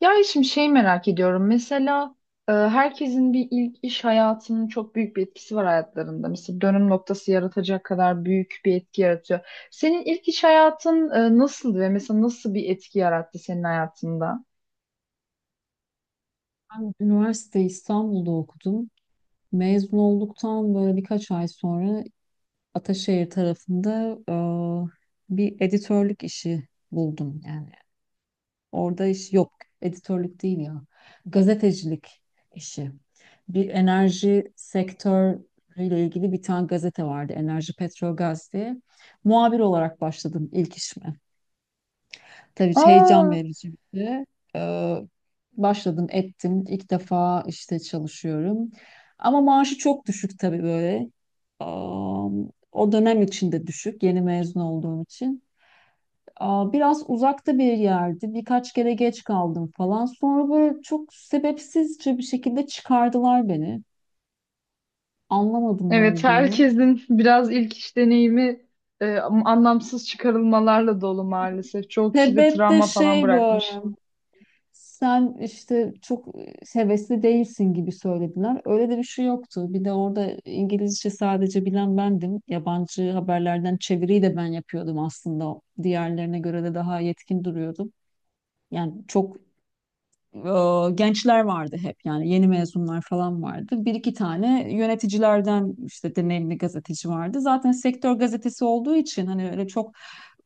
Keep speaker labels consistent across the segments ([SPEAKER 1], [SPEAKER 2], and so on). [SPEAKER 1] Ya şimdi şey merak ediyorum. Mesela herkesin bir ilk iş hayatının çok büyük bir etkisi var hayatlarında. Mesela dönüm noktası yaratacak kadar büyük bir etki yaratıyor. Senin ilk iş hayatın nasıldı ve mesela nasıl bir etki yarattı senin hayatında?
[SPEAKER 2] Ben üniversite İstanbul'da okudum. Mezun olduktan böyle birkaç ay sonra Ataşehir tarafında bir editörlük işi buldum. Yani orada iş yok. Editörlük değil ya. Gazetecilik işi. Bir enerji sektörüyle ilgili bir tane gazete vardı. Enerji Petrogaz diye. Muhabir olarak başladım ilk işime. Tabii heyecan
[SPEAKER 1] Aa,
[SPEAKER 2] verici bir şey. Ee, Başladım ettim. İlk defa işte çalışıyorum. Ama maaşı çok düşük tabii böyle. Aa, O dönem içinde düşük. Yeni mezun olduğum için. Biraz uzakta bir yerdi. Birkaç kere geç kaldım falan. Sonra böyle çok sebepsizce bir şekilde çıkardılar beni. Anlamadım ne
[SPEAKER 1] evet
[SPEAKER 2] olduğunu.
[SPEAKER 1] herkesin biraz ilk iş deneyimi anlamsız çıkarılmalarla dolu maalesef. Çoğu kişi de
[SPEAKER 2] Sebep de
[SPEAKER 1] travma falan
[SPEAKER 2] şey böyle.
[SPEAKER 1] bırakmış.
[SPEAKER 2] Sen işte çok hevesli değilsin gibi söylediler. Öyle de bir şey yoktu. Bir de orada İngilizce sadece bilen bendim. Yabancı haberlerden çeviriyi de ben yapıyordum aslında. Diğerlerine göre de daha yetkin duruyordum. Yani çok gençler vardı hep yani yeni mezunlar falan vardı. Bir iki tane yöneticilerden işte deneyimli gazeteci vardı. Zaten sektör gazetesi olduğu için hani öyle çok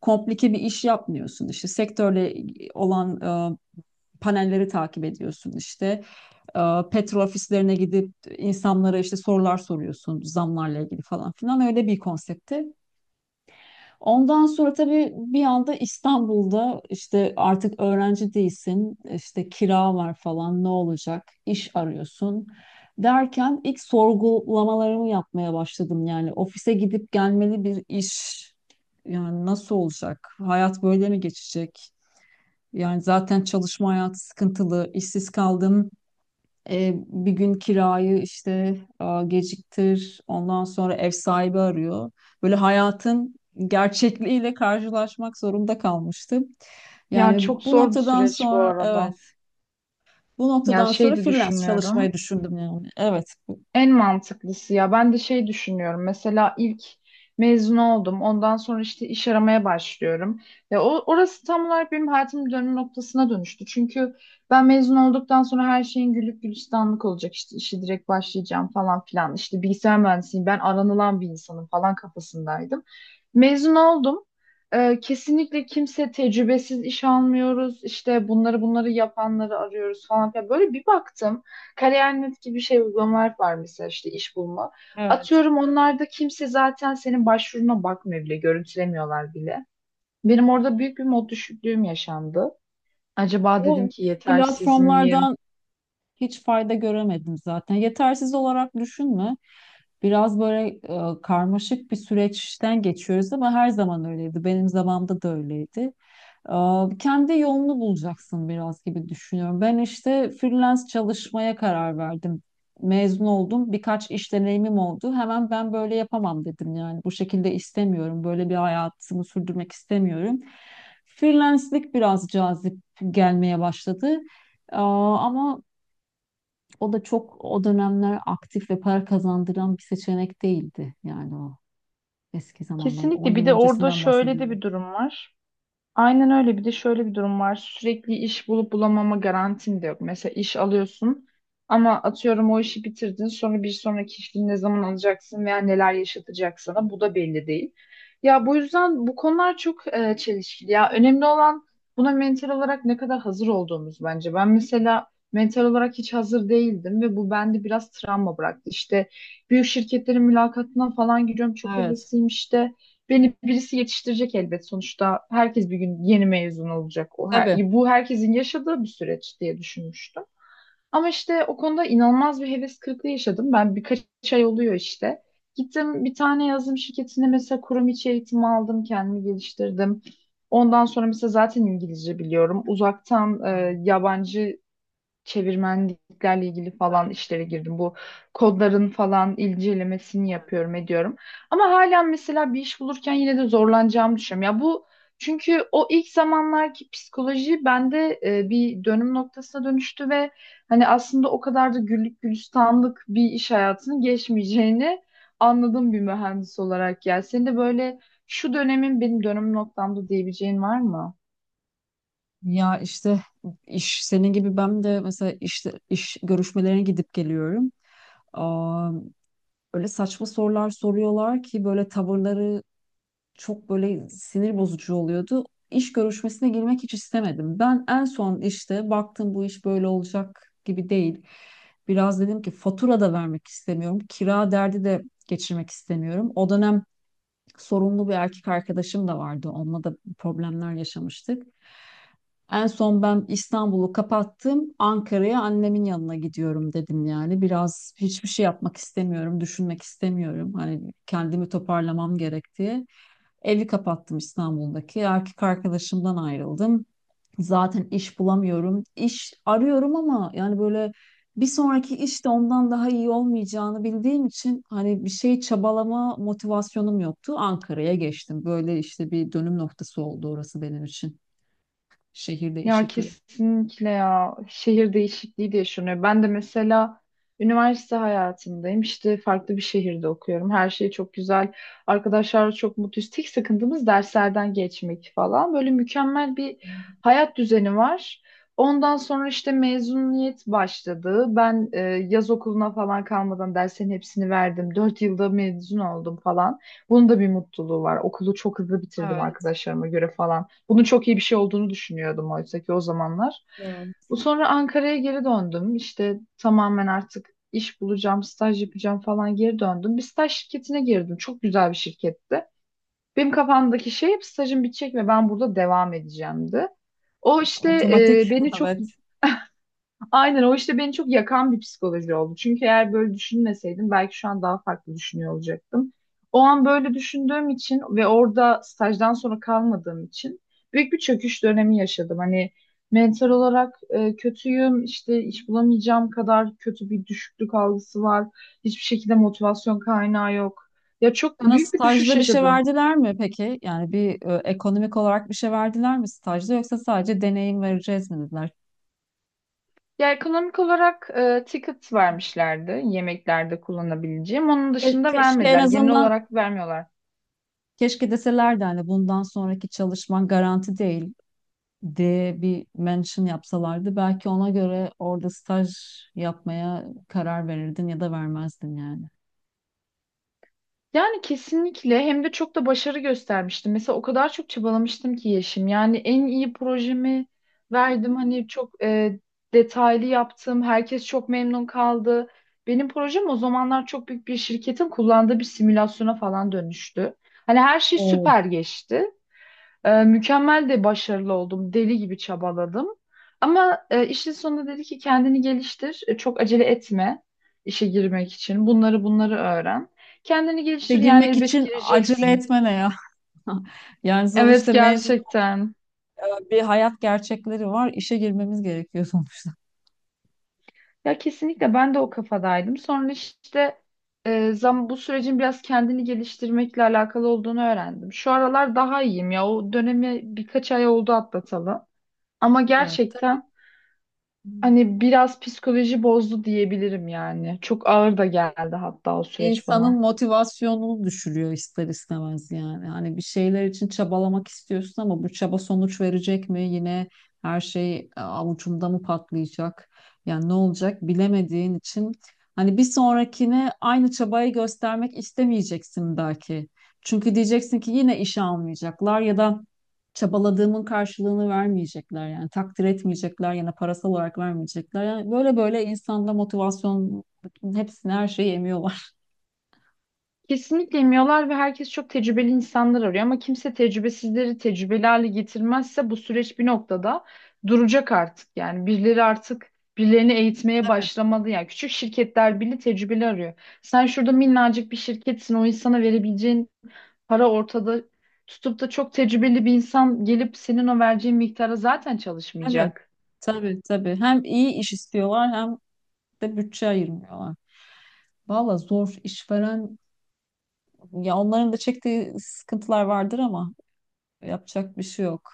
[SPEAKER 2] komplike bir iş yapmıyorsun. İşte sektörle olan e, panelleri takip ediyorsun işte. E, Petrol ofislerine gidip insanlara işte sorular soruyorsun zamlarla ilgili falan filan öyle bir konsepti. Ondan sonra tabii bir anda İstanbul'da işte artık öğrenci değilsin, işte kira var falan ne olacak, iş arıyorsun derken ilk sorgulamalarımı yapmaya başladım. Yani ofise gidip gelmeli bir iş yani nasıl olacak? Hayat böyle mi geçecek? Yani zaten çalışma hayatı sıkıntılı, işsiz kaldım. Bir gün kirayı işte geciktir, ondan sonra ev sahibi arıyor. Böyle hayatın gerçekliğiyle karşılaşmak zorunda kalmıştım.
[SPEAKER 1] Ya
[SPEAKER 2] Yani
[SPEAKER 1] çok
[SPEAKER 2] bu
[SPEAKER 1] zor bir
[SPEAKER 2] noktadan
[SPEAKER 1] süreç bu
[SPEAKER 2] sonra evet,
[SPEAKER 1] arada.
[SPEAKER 2] bu
[SPEAKER 1] Ya
[SPEAKER 2] noktadan sonra
[SPEAKER 1] şey de
[SPEAKER 2] freelance çalışmayı
[SPEAKER 1] düşünüyorum.
[SPEAKER 2] düşündüm yani. Evet,
[SPEAKER 1] En mantıklısı ya ben de şey düşünüyorum mesela ilk mezun oldum ondan sonra işte iş aramaya başlıyorum ve orası tam olarak benim hayatımın dönüm noktasına dönüştü çünkü ben mezun olduktan sonra her şeyin gülüp gülistanlık olacak işte işe direkt başlayacağım falan filan işte bilgisayar mühendisiyim ben aranılan bir insanım falan kafasındaydım mezun oldum. Kesinlikle kimse tecrübesiz iş almıyoruz işte bunları yapanları arıyoruz falan filan böyle bir baktım. Kariyer.net gibi şey uygulamalar var mesela işte iş bulma.
[SPEAKER 2] evet.
[SPEAKER 1] Atıyorum onlarda kimse zaten senin başvuruna bakmıyor bile, görüntülemiyorlar bile. Benim orada büyük bir mod düşüklüğüm yaşandı. Acaba dedim
[SPEAKER 2] Bu
[SPEAKER 1] ki yetersiz miyim?
[SPEAKER 2] platformlardan hiç fayda göremedim zaten. Yetersiz olarak düşünme. Biraz böyle karmaşık bir süreçten geçiyoruz ama her zaman öyleydi. Benim zamanımda da öyleydi. Kendi yolunu bulacaksın biraz gibi düşünüyorum. Ben işte freelance çalışmaya karar verdim. Mezun oldum. Birkaç iş deneyimim oldu. Hemen ben böyle yapamam dedim yani. Bu şekilde istemiyorum. Böyle bir hayatımı sürdürmek istemiyorum. Freelance'lik biraz cazip gelmeye başladı. Ama o da çok o dönemler aktif ve para kazandıran bir seçenek değildi. Yani o eski zamanlar. 10
[SPEAKER 1] Kesinlikle bir
[SPEAKER 2] yıl
[SPEAKER 1] de orada
[SPEAKER 2] öncesinden
[SPEAKER 1] şöyle de
[SPEAKER 2] bahsediyorum.
[SPEAKER 1] bir durum var. Aynen öyle. Bir de şöyle bir durum var. Sürekli iş bulup bulamama garantin de yok. Mesela iş alıyorsun ama atıyorum o işi bitirdin. Sonra bir sonraki işini ne zaman alacaksın veya neler yaşatacak sana bu da belli değil. Ya bu yüzden bu konular çok çelişkili. Ya önemli olan buna mental olarak ne kadar hazır olduğumuz bence. Ben mesela mental olarak hiç hazır değildim ve bu bende biraz travma bıraktı. İşte büyük şirketlerin mülakatına falan giriyorum. Çok
[SPEAKER 2] Evet.
[SPEAKER 1] hevesliyim işte. Beni birisi yetiştirecek elbet sonuçta. Herkes bir gün yeni mezun olacak. O her-
[SPEAKER 2] Tabii.
[SPEAKER 1] bu herkesin yaşadığı bir süreç diye düşünmüştüm. Ama işte o konuda inanılmaz bir heves kırıklığı yaşadım. Ben birkaç ay oluyor işte. Gittim bir tane yazılım şirketine mesela kurum içi eğitim aldım, kendimi geliştirdim. Ondan sonra mesela zaten İngilizce biliyorum. Uzaktan yabancı çevirmenliklerle ilgili falan işlere girdim. Bu kodların falan incelemesini yapıyorum, ediyorum. Ama hala mesela bir iş bulurken yine de zorlanacağımı düşünüyorum. Ya bu çünkü o ilk zamanlarki psikoloji bende bir dönüm noktasına dönüştü ve hani aslında o kadar da güllük gülistanlık bir iş hayatının geçmeyeceğini anladım bir mühendis olarak ya. Senin de böyle şu dönemin benim dönüm noktamda diyebileceğin var mı?
[SPEAKER 2] Ya işte iş senin gibi ben de mesela işte iş görüşmelerine gidip geliyorum. Aa, Öyle saçma sorular soruyorlar ki böyle tavırları çok böyle sinir bozucu oluyordu. İş görüşmesine girmek hiç istemedim. Ben en son işte baktım bu iş böyle olacak gibi değil. Biraz dedim ki fatura da vermek istemiyorum. Kira derdi de geçirmek istemiyorum. O dönem sorumlu bir erkek arkadaşım da vardı. Onunla da problemler yaşamıştık. En son ben İstanbul'u kapattım. Ankara'ya annemin yanına gidiyorum dedim yani. Biraz hiçbir şey yapmak istemiyorum, düşünmek istemiyorum. Hani kendimi toparlamam gerek diye. Evi kapattım İstanbul'daki. Erkek arkadaşımdan ayrıldım. Zaten iş bulamıyorum. İş arıyorum ama yani böyle bir sonraki iş de ondan daha iyi olmayacağını bildiğim için hani bir şey çabalama motivasyonum yoktu. Ankara'ya geçtim. Böyle işte bir dönüm noktası oldu orası benim için. Şehir
[SPEAKER 1] Ya
[SPEAKER 2] değişikliği.
[SPEAKER 1] kesinlikle ya şehir değişikliği de yaşanıyor. Ben de mesela üniversite hayatındayım. İşte farklı bir şehirde okuyorum. Her şey çok güzel. Arkadaşlarla çok mutluyuz. Tek sıkıntımız derslerden geçmek falan. Böyle mükemmel bir hayat düzeni var. Ondan sonra işte mezuniyet başladı. Ben yaz okuluna falan kalmadan derslerin hepsini verdim. 4 yılda mezun oldum falan. Bunun da bir mutluluğu var. Okulu çok hızlı bitirdim
[SPEAKER 2] Evet.
[SPEAKER 1] arkadaşlarıma göre falan. Bunun çok iyi bir şey olduğunu düşünüyordum oysa ki o zamanlar.
[SPEAKER 2] Evet.
[SPEAKER 1] Bu sonra Ankara'ya geri döndüm. İşte tamamen artık iş bulacağım, staj yapacağım falan geri döndüm. Bir staj şirketine girdim. Çok güzel bir şirketti. Benim kafamdaki şey hep stajım bitecek ve ben burada devam edeceğimdi. O işte
[SPEAKER 2] Otomatik.
[SPEAKER 1] e, beni çok
[SPEAKER 2] Evet.
[SPEAKER 1] Aynen o işte beni çok yakan bir psikoloji oldu. Çünkü eğer böyle düşünmeseydim belki şu an daha farklı düşünüyor olacaktım. O an böyle düşündüğüm için ve orada stajdan sonra kalmadığım için büyük bir çöküş dönemi yaşadım. Hani mental olarak kötüyüm, işte iş bulamayacağım kadar kötü bir düşüklük algısı var. Hiçbir şekilde motivasyon kaynağı yok. Ya çok
[SPEAKER 2] Sana
[SPEAKER 1] büyük bir düşüş
[SPEAKER 2] stajda bir şey
[SPEAKER 1] yaşadım.
[SPEAKER 2] verdiler mi peki? Yani bir ekonomik olarak bir şey verdiler mi stajda yoksa sadece deneyim vereceğiz mi dediler?
[SPEAKER 1] Ya ekonomik olarak ticket vermişlerdi yemeklerde kullanabileceğim. Onun dışında
[SPEAKER 2] Keşke en
[SPEAKER 1] vermediler. Genel
[SPEAKER 2] azından
[SPEAKER 1] olarak vermiyorlar.
[SPEAKER 2] keşke deselerdi hani bundan sonraki çalışman garanti değil diye bir mention yapsalardı. Belki ona göre orada staj yapmaya karar verirdin ya da vermezdin yani.
[SPEAKER 1] Yani kesinlikle hem de çok da başarı göstermiştim. Mesela o kadar çok çabalamıştım ki Yeşim. Yani en iyi projemi verdim. Hani çok detaylı yaptım. Herkes çok memnun kaldı. Benim projem o zamanlar çok büyük bir şirketin kullandığı bir simülasyona falan dönüştü. Hani her şey
[SPEAKER 2] Evet.
[SPEAKER 1] süper geçti. Mükemmel de başarılı oldum. Deli gibi çabaladım. Ama işin sonunda dedi ki kendini geliştir. Çok acele etme işe girmek için. Bunları öğren. Kendini
[SPEAKER 2] İşe
[SPEAKER 1] geliştir yani
[SPEAKER 2] girmek
[SPEAKER 1] elbet
[SPEAKER 2] için acele
[SPEAKER 1] gireceksin.
[SPEAKER 2] etmene ya. Yani
[SPEAKER 1] Evet
[SPEAKER 2] sonuçta mezun
[SPEAKER 1] gerçekten.
[SPEAKER 2] bir hayat gerçekleri var. İşe girmemiz gerekiyor sonuçta.
[SPEAKER 1] Ya kesinlikle ben de o kafadaydım. Sonra işte zam bu sürecin biraz kendini geliştirmekle alakalı olduğunu öğrendim. Şu aralar daha iyiyim ya. O dönemi birkaç ay oldu atlatalı. Ama
[SPEAKER 2] Evet, tabii.
[SPEAKER 1] gerçekten. Hani biraz psikoloji bozdu diyebilirim yani. Çok ağır da geldi hatta o süreç
[SPEAKER 2] İnsanın
[SPEAKER 1] bana.
[SPEAKER 2] motivasyonunu düşürüyor ister istemez yani. Hani bir şeyler için çabalamak istiyorsun ama bu çaba sonuç verecek mi? Yine her şey avucumda mı patlayacak? Yani ne olacak bilemediğin için hani bir sonrakine aynı çabayı göstermek istemeyeceksin belki. Çünkü diyeceksin ki yine işe almayacaklar ya da çabaladığımın karşılığını vermeyecekler yani takdir etmeyecekler ya da parasal olarak vermeyecekler. Yani böyle böyle insanda motivasyon hepsini her şeyi emiyorlar.
[SPEAKER 1] Kesinlikle emiyorlar ve herkes çok tecrübeli insanlar arıyor ama kimse tecrübesizleri tecrübeli hale getirmezse bu süreç bir noktada duracak artık. Yani birileri artık birilerini eğitmeye başlamadı. Yani küçük şirketler bile tecrübeli arıyor. Sen şurada minnacık bir şirketsin o insana verebileceğin para ortada tutup da çok tecrübeli bir insan gelip senin o vereceğin miktara zaten
[SPEAKER 2] Evet.
[SPEAKER 1] çalışmayacak.
[SPEAKER 2] Tabii tabii. Hem iyi iş istiyorlar hem de bütçe ayırmıyorlar. Valla zor işveren ya onların da çektiği sıkıntılar vardır ama yapacak bir şey yok.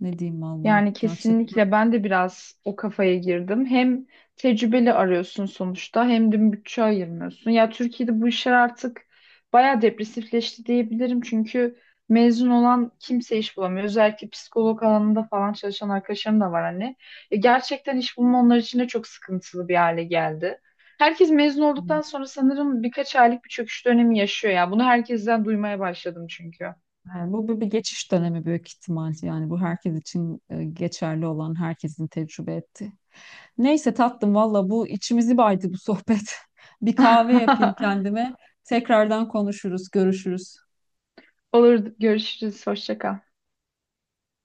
[SPEAKER 2] Ne diyeyim valla
[SPEAKER 1] Yani
[SPEAKER 2] gerçekten.
[SPEAKER 1] kesinlikle ben de biraz o kafaya girdim. Hem tecrübeli arıyorsun sonuçta hem de bütçe ayırmıyorsun. Ya Türkiye'de bu işler artık bayağı depresifleşti diyebilirim. Çünkü mezun olan kimse iş bulamıyor. Özellikle psikolog alanında falan çalışan arkadaşlarım da var hani. Gerçekten iş bulma onlar için de çok sıkıntılı bir hale geldi. Herkes mezun olduktan sonra sanırım birkaç aylık bir çöküş dönemi yaşıyor ya. Bunu herkesten duymaya başladım çünkü.
[SPEAKER 2] Yani bu bir, bir geçiş dönemi büyük ihtimal. Yani bu herkes için geçerli olan herkesin tecrübe etti. Neyse tatlım valla bu içimizi baydı bu sohbet. Bir kahve yapayım kendime. Tekrardan konuşuruz, görüşürüz.
[SPEAKER 1] Olur görüşürüz. Hoşça kal.